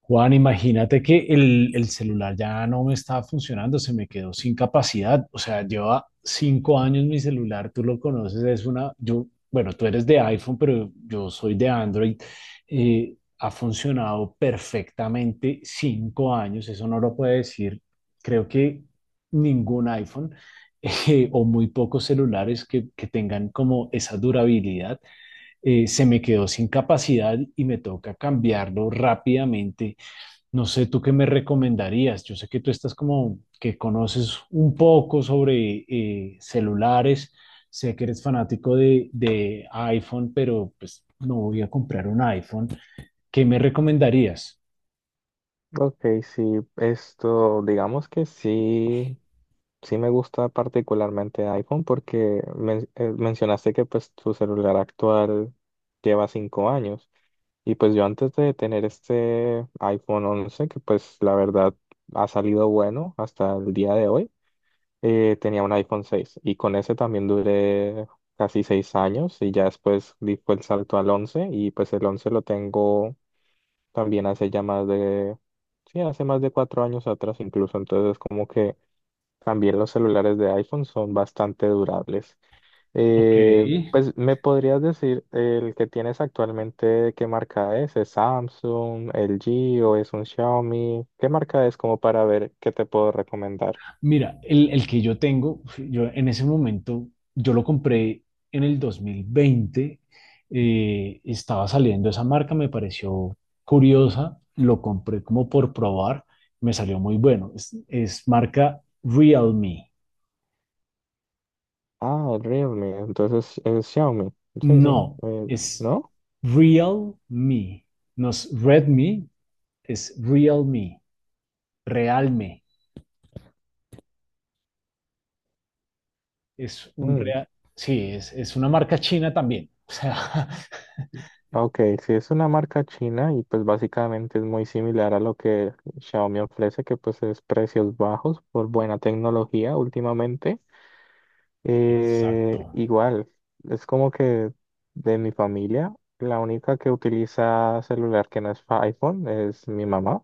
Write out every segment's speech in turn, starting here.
Juan, imagínate que el celular ya no me estaba funcionando, se me quedó sin capacidad. O sea, lleva cinco años mi celular, tú lo conoces, es una, yo, bueno, tú eres de iPhone, pero yo soy de Android. eh, Ha funcionado perfectamente cinco años, eso no lo puede decir, creo que ningún iPhone o muy pocos celulares que tengan como esa durabilidad. Se me quedó sin capacidad y me toca cambiarlo rápidamente. No sé, ¿tú qué me recomendarías? Yo sé que tú estás como que conoces un poco sobre celulares, sé que eres fanático de iPhone, pero pues no voy a comprar un iPhone. ¿Qué me recomendarías? Ok, sí, esto, digamos que sí, sí me gusta particularmente iPhone porque mencionaste que pues tu celular actual lleva 5 años y pues yo antes de tener este iPhone 11 que pues la verdad ha salido bueno hasta el día de hoy, tenía un iPhone 6 y con ese también duré casi 6 años y ya después di fue el salto al 11 y pues el 11 lo tengo también hace ya más de, sí, hace más de 4 años atrás incluso, entonces como que también los celulares de iPhone son bastante durables. Ok, Pues me podrías decir, el que tienes actualmente, ¿qué marca es? ¿Es Samsung, LG o es un Xiaomi? ¿Qué marca es como para ver qué te puedo recomendar? mira, el que yo tengo, pues, yo en ese momento, yo lo compré en el 2020, estaba saliendo esa marca, me pareció curiosa, lo compré como por probar, me salió muy bueno. Es marca Realme. Ah, el Realme, entonces es Xiaomi. Sí, sí. No, eh, es ¿no? Realme. No es Redmi, es Realme. Realme. Es un real. Sí, es una marca china también. O sea, Ok, sí es una marca china y pues básicamente es muy similar a lo que Xiaomi ofrece, que pues es precios bajos por buena tecnología últimamente. Exacto. Igual, es como que de mi familia, la única que utiliza celular que no es iPhone es mi mamá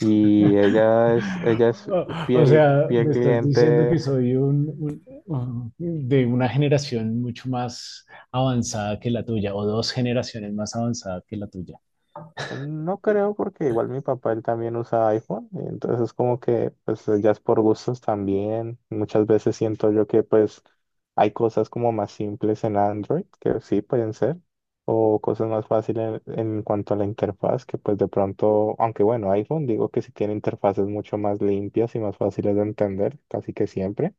y ella es O o fiel, sea, fiel me estás diciendo cliente. que soy de una generación mucho más avanzada que la tuya, o dos generaciones más avanzada que la tuya. No creo porque igual mi papá él también usa iPhone, y entonces como que pues ya es por gustos también. Muchas veces siento yo que pues hay cosas como más simples en Android que sí pueden ser o cosas más fáciles en cuanto a la interfaz que pues de pronto, aunque bueno, iPhone digo que sí tiene interfaces mucho más limpias y más fáciles de entender, casi que siempre.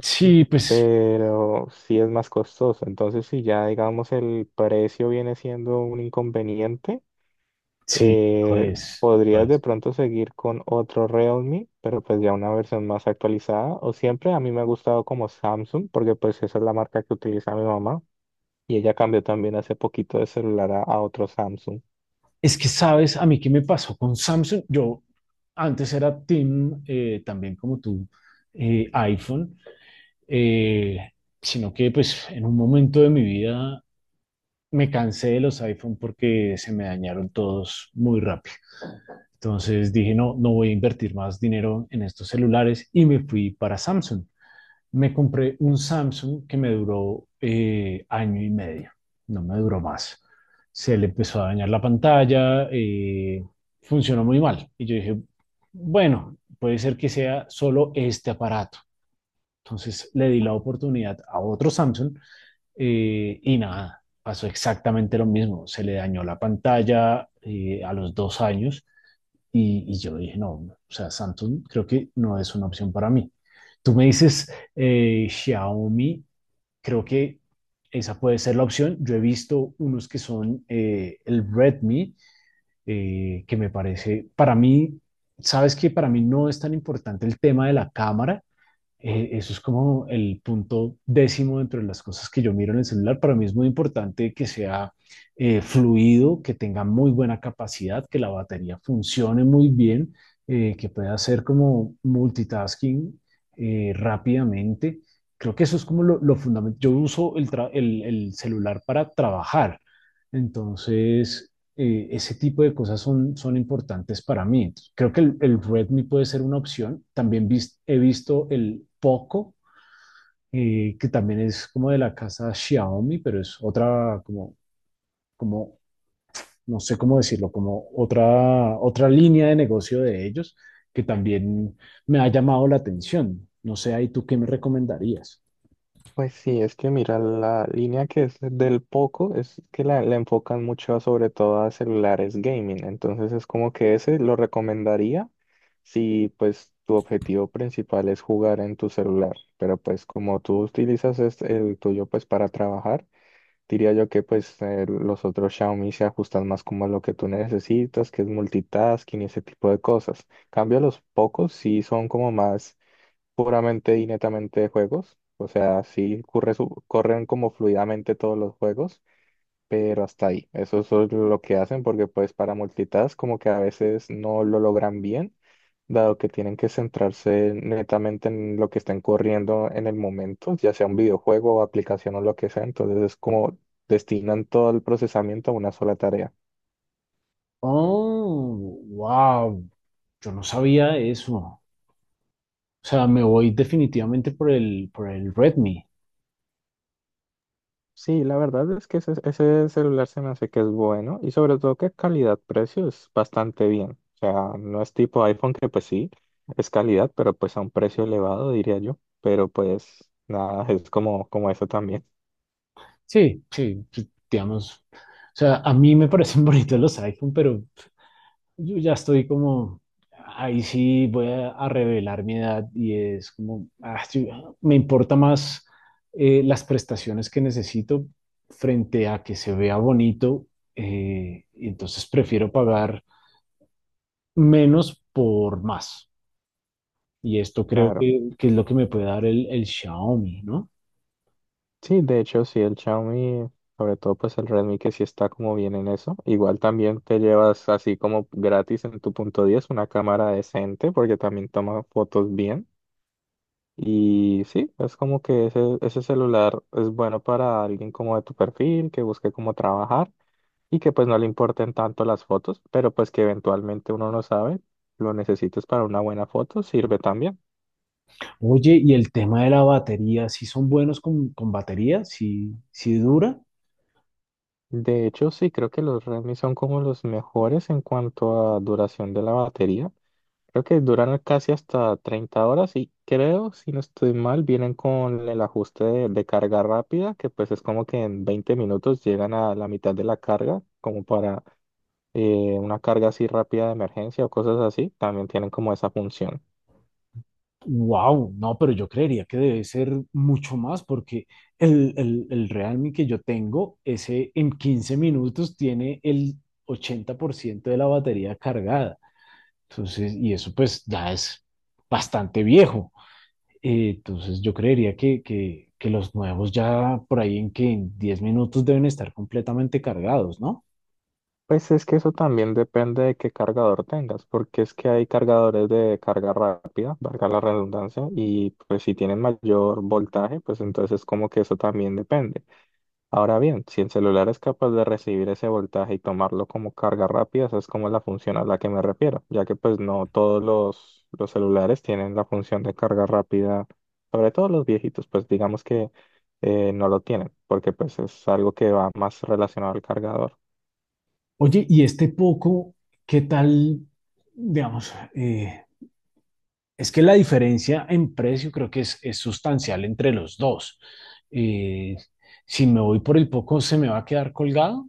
Sí, pues Pero sí es más costoso. Entonces, si ya digamos el precio viene siendo un inconveniente, sí, Eh, pues, podrías de pues. pronto seguir con otro Realme, pero pues ya una versión más actualizada. O siempre a mí me ha gustado como Samsung, porque pues esa es la marca que utiliza mi mamá. Y ella cambió también hace poquito de celular a otro Samsung. Es que sabes, a mí qué me pasó con Samsung. Yo antes era team, también como tú, iPhone, eh, sino que pues en un momento de mi vida me cansé de los iPhone porque se me dañaron todos muy rápido. Entonces dije, no, no voy a invertir más dinero en estos celulares y me fui para Samsung. Me compré un Samsung que me duró año y medio, no me duró más. Se le empezó a dañar la pantalla, funcionó muy mal. Y yo dije, bueno, puede ser que sea solo este aparato. Entonces le di la oportunidad a otro Samsung y nada, pasó exactamente lo mismo. Se le dañó la pantalla a los dos años y yo dije, no, o sea, Samsung creo que no es una opción para mí. Tú me dices Xiaomi, creo que esa puede ser la opción. Yo he visto unos que son el Redmi, que me parece, para mí, sabes que para mí no es tan importante el tema de la cámara, eso es como el punto décimo dentro de las cosas que yo miro en el celular. Para mí es muy importante que sea fluido, que tenga muy buena capacidad, que la batería funcione muy bien, que pueda hacer como multitasking rápidamente. Creo que eso es como lo fundamental. Yo uso el, el celular para trabajar. Entonces, ese tipo de cosas son importantes para mí. Entonces, creo que el Redmi puede ser una opción. También he visto el Poco, que también es como de la casa Xiaomi, pero es otra, como, no sé cómo decirlo, como otra, otra línea de negocio de ellos, que también me ha llamado la atención. No sé, ahí tú qué me recomendarías. Pues sí, es que mira, la línea que es del Poco es que la enfocan mucho sobre todo a celulares gaming, entonces es como que ese lo recomendaría si pues tu objetivo principal es jugar en tu celular, pero pues como tú utilizas es el tuyo pues para trabajar, diría yo que pues los otros Xiaomi se ajustan más como a lo que tú necesitas, que es multitasking y ese tipo de cosas. Cambio los Pocos sí son como más puramente y netamente de juegos. O sea, sí corren como fluidamente todos los juegos, pero hasta ahí. Eso es solo lo que hacen porque pues para multitask como que a veces no lo logran bien, dado que tienen que centrarse netamente en lo que estén corriendo en el momento, ya sea un videojuego o aplicación o lo que sea. Entonces es como destinan todo el procesamiento a una sola tarea. Oh, wow. Yo no sabía eso. O sea, me voy definitivamente por el Redmi. Sí, la verdad es que ese celular se me hace que es bueno y sobre todo que calidad-precio es bastante bien. O sea, no es tipo iPhone que pues sí, es calidad, pero pues a un precio elevado diría yo. Pero pues nada, es como, como eso también. Sí, sí, sí, digamos, o sea, a mí me parecen bonitos los iPhone, pero yo ya estoy como, ahí sí voy a revelar mi edad y es como, ah, sí, me importa más las prestaciones que necesito frente a que se vea bonito, y entonces prefiero pagar menos por más. Y esto creo Claro. que es lo que me puede dar el Xiaomi, ¿no? Sí, de hecho sí, el Xiaomi, sobre todo pues el Redmi que sí está como bien en eso. Igual también te llevas así como gratis en tu punto 10 una cámara decente porque también toma fotos bien. Y sí, es como que ese celular es bueno para alguien como de tu perfil, que busque cómo trabajar y que pues no le importen tanto las fotos, pero pues que eventualmente uno no sabe, lo necesites para una buena foto, sirve también. Oye, y el tema de la batería, ¿si son buenos con batería? ¿Si dura? De hecho, sí, creo que los Redmi son como los mejores en cuanto a duración de la batería. Creo que duran casi hasta 30 horas y creo, si no estoy mal, vienen con el ajuste de carga rápida, que pues es como que en 20 minutos llegan a la mitad de la carga, como para una carga así rápida de emergencia o cosas así, también tienen como esa función. Wow, no, pero yo creería que debe ser mucho más porque el Realme que yo tengo, ese en 15 minutos tiene el 80% de la batería cargada. Entonces, y eso pues ya es bastante viejo. Entonces, yo creería que los nuevos ya por ahí en que en 10 minutos deben estar completamente cargados, ¿no? Pues es que eso también depende de qué cargador tengas, porque es que hay cargadores de carga rápida, valga la redundancia, y pues si tienen mayor voltaje, pues entonces como que eso también depende. Ahora bien, si el celular es capaz de recibir ese voltaje y tomarlo como carga rápida, esa es como la función a la que me refiero, ya que pues no todos los celulares tienen la función de carga rápida, sobre todo los viejitos, pues digamos que no lo tienen, porque pues es algo que va más relacionado al cargador. Oye, y este poco, ¿qué tal? Digamos, es que la diferencia en precio creo que es sustancial entre los dos. Eh, si me voy por el poco, ¿se me va a quedar colgado?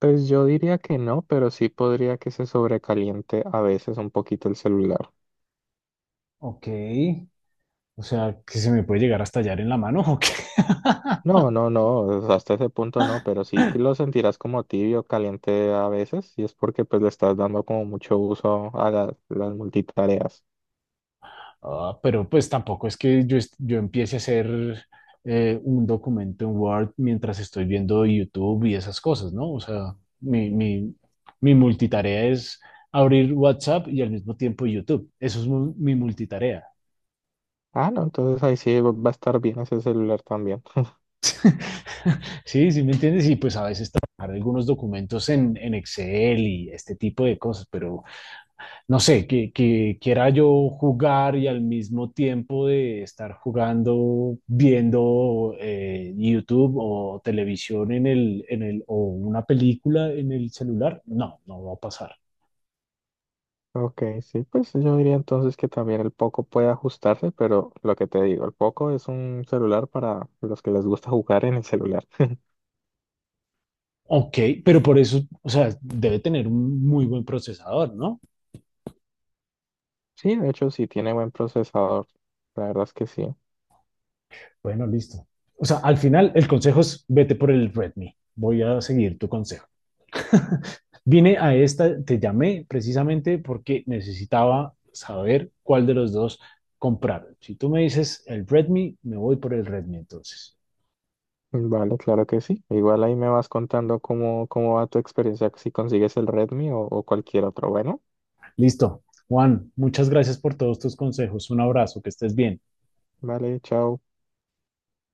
Pues yo diría que no, pero sí podría que se sobrecaliente a veces un poquito el celular. Ok. O sea, que se me puede llegar a estallar en la mano, ok. No, no, no, hasta ese punto no, pero sí que lo sentirás como tibio, caliente a veces, y es porque pues le estás dando como mucho uso a las multitareas. Ah, pero pues tampoco es que yo, yo empiece a hacer un documento en Word mientras estoy viendo YouTube y esas cosas, ¿no? O sea, mi, mi, mi multitarea es abrir WhatsApp y al mismo tiempo YouTube. Eso es mi multitarea. Ah, no, entonces ahí sí va a estar bien ese celular también. Sí, sí, ¿me entiendes? Y pues a veces trabajar algunos documentos en Excel y este tipo de cosas, pero no sé, que quiera yo jugar y al mismo tiempo de estar jugando, viendo YouTube o televisión en el, o una película en el celular, no, no va a pasar. Ok, sí, pues yo diría entonces que también el Poco puede ajustarse, pero lo que te digo, el Poco es un celular para los que les gusta jugar en el celular. Ok, pero por eso, o sea, debe tener un muy buen procesador, ¿no? Sí, de hecho sí tiene buen procesador, la verdad es que sí. Bueno, listo. O sea, al final el consejo es vete por el Redmi. Voy a seguir tu consejo. Vine a esta, te llamé precisamente porque necesitaba saber cuál de los dos comprar. Si tú me dices el Redmi, me voy por el Redmi entonces. Vale, claro que sí. Igual ahí me vas contando cómo va tu experiencia, si consigues el Redmi o cualquier otro. Bueno, Listo. Juan, muchas gracias por todos tus consejos. Un abrazo, que estés bien. vale, chao.